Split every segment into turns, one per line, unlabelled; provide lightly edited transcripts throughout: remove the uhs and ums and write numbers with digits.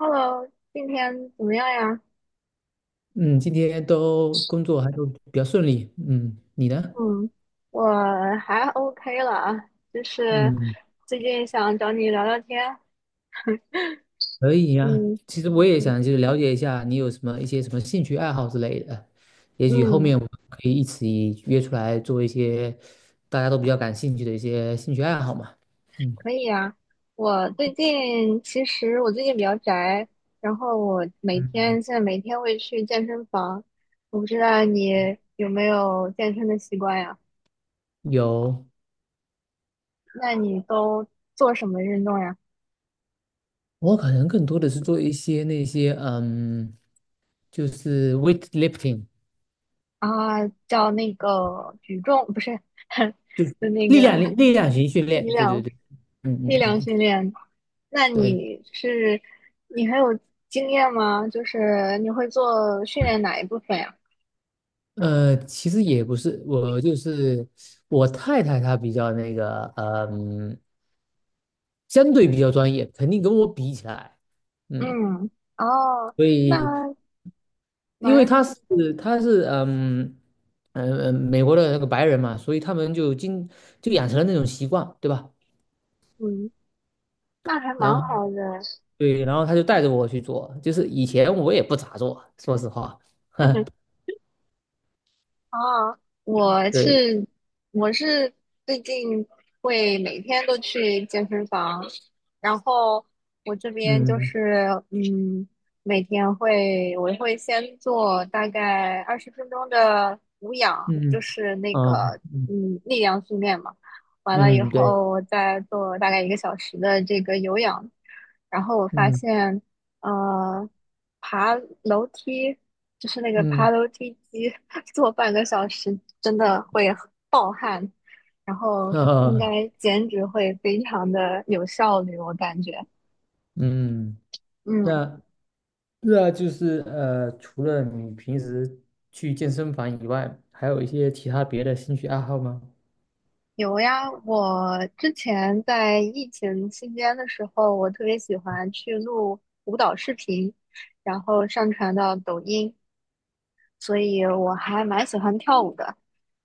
Hello，今天怎么样呀？
嗯，今天都工作还都比较顺利。嗯，你呢？
嗯，我还 OK 了啊，就是
嗯，
最近想找你聊聊天。
可以呀。
嗯
其实我也
嗯，
想就是了解一下你有什么一些什么兴趣爱好之类的，也许后
嗯，
面我们可以一起约出来做一些大家都比较感兴趣的一些兴趣爱好嘛。嗯
可以啊。我最近其实我最近比较宅，然后我每
嗯，
天现在每天会去健身房。我不知道你有没有健身的习惯呀？
有，
那你都做什么运动呀？
我可能更多的是做一些那些就是 weightlifting
啊，叫那个举重，不是，就那
力量
个
力量型训
力
练。对对
量。
对，嗯嗯
力
嗯，
量
嗯
训练，那
对。
你是你还有经验吗？就是你会做训练哪一部分呀？
其实也不是，我就是我太太，她比较那个，相对比较专业，肯定跟我比起来，嗯，
嗯，哦，
所
那
以因
蛮
为她是美国的那个白人嘛，所以他们就养成了那种习惯，对吧？
嗯，那还蛮
然后
好的。
对，然后她就带着我去做，就是以前我也不咋做，说实话，
啊，我
对，
是我是最近会每天都去健身房，然后我这边就
嗯
是每天会我会先做大概20分钟的无氧，就
嗯
是那
嗯
个
嗯
力量训练嘛，完了以
嗯，对，
后我再做大概1个小时的这个有氧，然后我发
嗯
现呃爬楼梯。就是那个爬
嗯
楼梯机 做半个小时，真的会暴汗，然后应
啊
该减脂会非常的有效率，我感觉。
嗯。
嗯，
那那就是除了你平时去健身房以外，还有一些其他别的兴趣爱好吗？
有呀，我之前在疫情期间的时候，我特别喜欢去录舞蹈视频，然后上传到抖音，所以我还蛮喜欢跳舞的。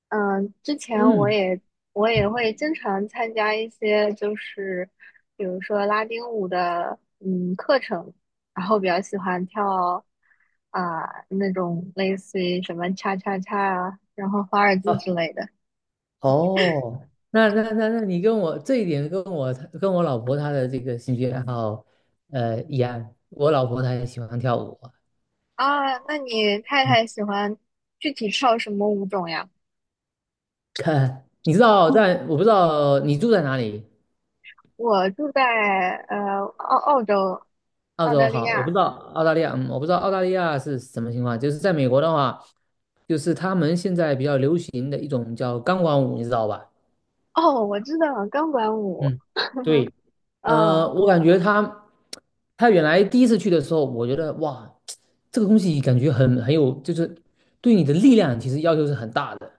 嗯，之前我
嗯，
也我也会经常参加一些，就是比如说拉丁舞的课程，然后比较喜欢跳啊、那种类似于什么 cha cha cha 啊，然后华尔兹
啊，
之类的
哦，那你跟我这一点跟我老婆她的这个兴趣爱好，一样。我老婆她也喜欢跳舞啊
啊。那你太
嗯
太喜欢具体跳什么舞种呀？
看，你知道
嗯，
不知道你住在哪里？
我住在呃澳澳洲
澳
澳
洲
大利
好，我不
亚。
知道澳大利亚，我不知道澳大利亚是什么情况。就是在美国的话，就是他们现在比较流行的一种叫钢管舞，你知道吧？
哦，我知道钢管舞。
嗯对，
嗯，
我感觉他原来第一次去的时候，我觉得哇，这个东西感觉很有，就是对你的力量其实要求是很大的。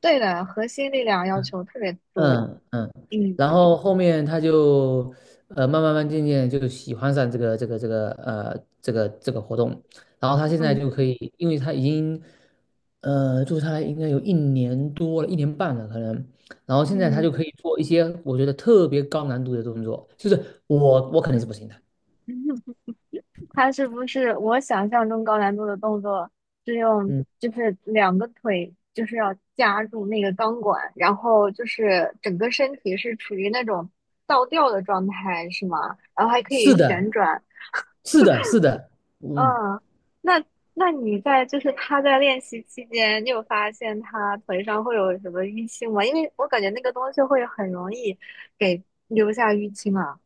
对的，核心力量要求特别多。
嗯嗯，
嗯
然后后面他就慢慢渐渐就喜欢上这个活动，然后他现在
嗯
就可以，因为他已经做下来应该有1年多了，1年半了可能，然后现在他
嗯，
就可以做一些我觉得特别高难度的动作，就是我肯定是不行的，
他是不是我想象中高难度的动作是用
嗯，
就是2个腿就是要夹住那个钢管，然后就是整个身体是处于那种倒吊的状态，是吗？然后还可以
是的，
旋转。
是的，是的，嗯。
嗯，那那你在就是他在练习期间，你有发现他腿上会有什么淤青吗？因为我感觉那个东西会很容易给留下淤青啊。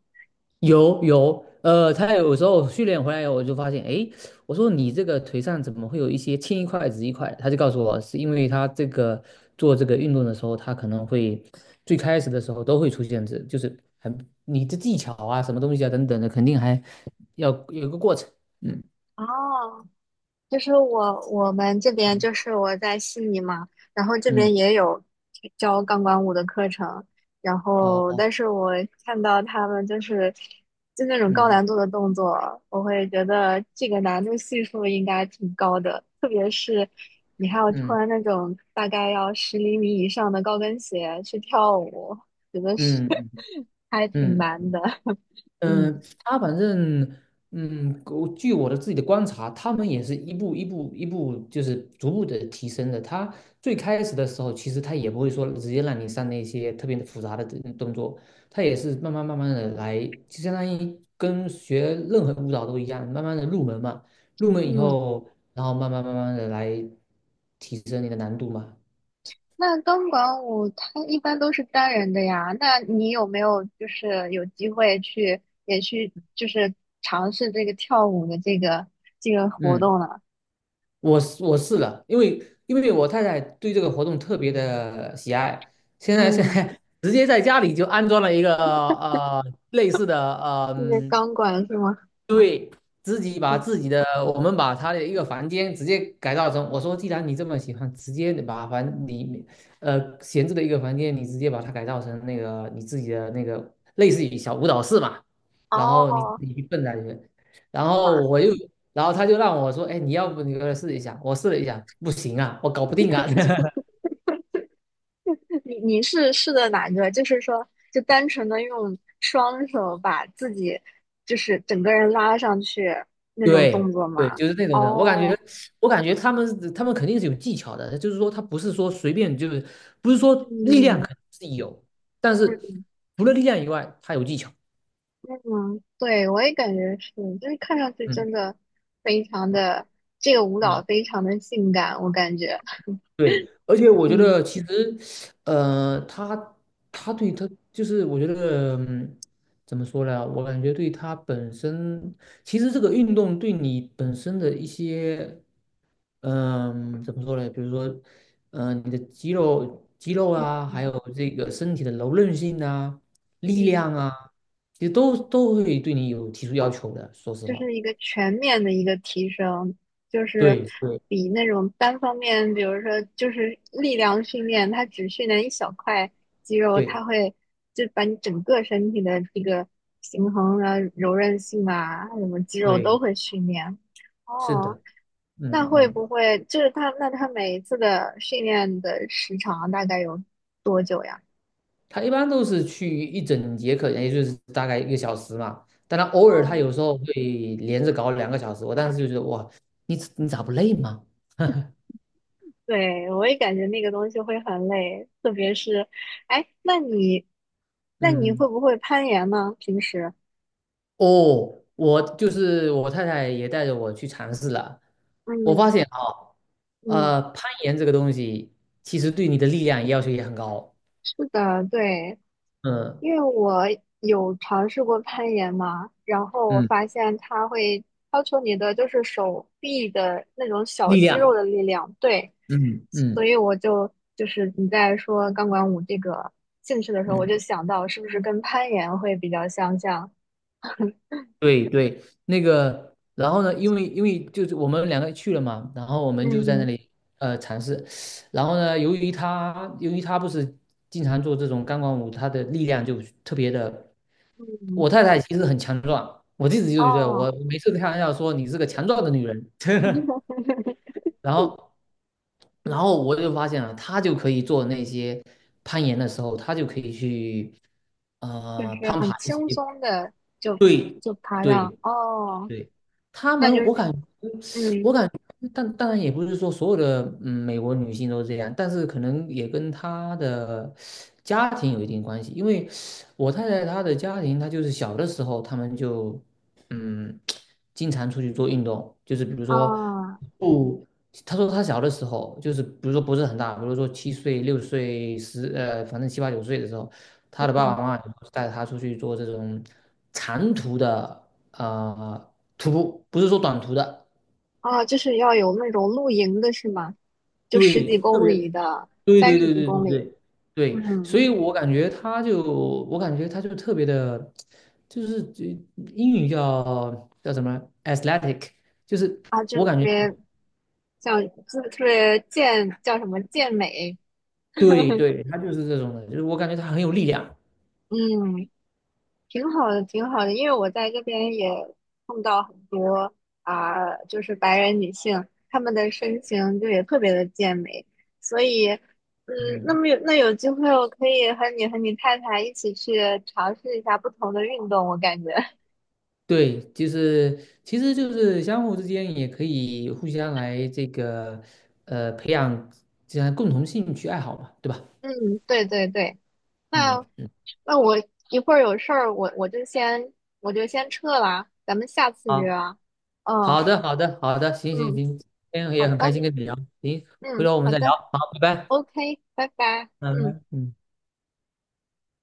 有有，他有时候训练回来以后，我就发现，诶，我说你这个腿上怎么会有一些青一块紫一块？他就告诉我，是因为他这个做这个运动的时候，他可能会最开始的时候都会出现这，就是很你的技巧啊，什么东西啊等等的，肯定还要有个过程。嗯
哦，就是我们这边就是我在悉尼嘛，然后这
嗯，
边也有教钢管舞的课程，然
好，嗯哦
后
哦
但是我看到他们就那种高
嗯
难度的动作，我会觉得这个难度系数应该挺高的，特别是你还要
嗯
穿那种大概要10厘米以上的高跟鞋去跳舞，觉得是
嗯
还挺
嗯。嗯
难的，嗯。
嗯，他反正，我据我的自己的观察，他们也是一步一步一步，就是逐步的提升的。他最开始的时候，其实他也不会说直接让你上那些特别的复杂的这动作，他也是慢慢慢慢的来，就相当于跟学任何舞蹈都一样，慢慢的入门嘛。入门以
嗯，
后，然后慢慢慢慢的来提升你的难度嘛。
那钢管舞它一般都是单人的呀，那你有没有就是有机会去也去就是尝试这个跳舞的这个活
嗯。
动呢？
我是了，因为我太太对这个活动特别的喜爱，现在现
嗯，
在 直接在家里就安装了一个类似的
那个钢管是吗？
对，自己把
嗯，
自己的，我们把他的一个房间直接改造成，我说，既然你这么喜欢，直接你闲置的一个房间，你直接把它改造成那个你自己的那个类似于小舞蹈室嘛，然后你
哦，
自己去蹦在里面。然
哇，
后我又，然后他就让我说，哎，你要不你过来试一下，我试了一下，不行啊，我搞不定啊，
你是试的哪个？就是说，就单纯的用双手把自己，就是整个人拉上去那种动
对
作
对，
吗？
就是那种的。我感觉，
哦，
我感觉他们肯定是有技巧的，就是说他不是说随便，就是不是说力量
嗯嗯，
肯定是有，但是除了力量以外，他有技巧。
嗯，对，我也感觉是，就是看上去
嗯
真的非常的，这个舞蹈
嗯，
非常的性感，我感觉，
对。而且我觉
嗯
得其实，呃，他他就是我觉得，怎么说呢？我感觉对他本身，其实这个运动对你本身的一些。怎么说呢？比如说，你的肌肉啊，还有这个身体的柔韧性啊、力
嗯，
量啊，其实都会对你有提出要求的。说实
就
话，
是一个全面的一个提升，就是
对对
比那种单方面，比如说就是力量训练，它只训练一小块肌肉，
对
它会就把你整个身体的这个平衡啊、柔韧性啊，什么肌肉都
对，
会训练。
是
哦，
的，
那
嗯
会不
嗯，
会就是他？那他每一次的训练的时长啊大概有多久呀？
他一般都是去一整节课，也就是大概1个小时嘛。但他偶尔他
哦，
有时候会连着搞2个小时，我当时就觉得哇，你咋不累吗？
对，我也感觉那个东西会很累，特别是，哎，那你，
嗯。
会不会攀岩呢？平时？
哦，我就是我太太也带着我去尝试了，我发
嗯
现啊，
嗯，
攀岩这个东西其实对你的力量要求也很高，
是的，对。
嗯
因为我有尝试过攀岩嘛，然后我
嗯，
发现它会要求你的就是手臂的那种小
力
肌肉
量，
的力量，对，
嗯
所
嗯
以我就是你在说钢管舞这个兴趣的时候，我就
嗯，
想到是不是跟攀岩会比较相像？
对对，那个，然后呢，因为就是我们两个去了嘛，然后我们就在那
嗯
里尝试，然后呢，由于他不是经常做这种钢管舞，他的力量就特别的。
嗯，
我太太其实很强壮，我一直就觉得我
哦，
每次开玩笑说你是个强壮的女人，然后，然后我就发现了，她就可以做那些攀岩的时候，她就可以去
就是
攀
很
爬一
轻
些
松的就
对
就爬上，
对
哦，
对，他
那
们，
就是
我感觉，
嗯
我感觉，但当然也不是说所有的美国女性都这样，但是可能也跟她的家庭有一定关系。因为我太太她的家庭，她就是小的时候，他们就嗯经常出去做运动，就是比如说
啊。
不，她说她小的时候，就是比如说不是很大，比如说7岁、6岁、反正七八九岁的时候，她的爸爸
嗯。
妈妈就带她出去做这种长途的。啊、呃途，不是说短途的，
啊，就是要有那种露营的是吗？就十
对，
几
特
公
别，
里的，
对
三
对
十
对
几
对对
公里，
对对，
嗯，
所以我感觉他就，特别的，就是英语叫什么 athletic，就是
啊，
我
就特
感觉，
别像，就特别健，叫什么健美，
对 对，他就是这种的，就是我感觉他很有力量，
嗯，挺好的，挺好的，因为我在这边也碰到很多啊、就是白人女性，她们的身形就也特别的健美，所以，嗯，那
嗯，
么有那有机会，我可以和你太太一起去尝试一下不同的运动，我感觉。
对，就是其实就是相互之间也可以互相来这个培养这样共同兴趣爱好嘛，对吧？
嗯，对对对，
嗯
那
嗯。
那我一会儿有事儿，我就先撤了，咱们下次约
好。
啊。
好
嗯
的，好的，好的，行行
嗯，
行，今天
好
也很开
的，
心跟你聊，行，回
嗯
头我们
好
再聊，
的
好，拜拜，
，OK，拜拜，
拜
嗯。
拜，嗯。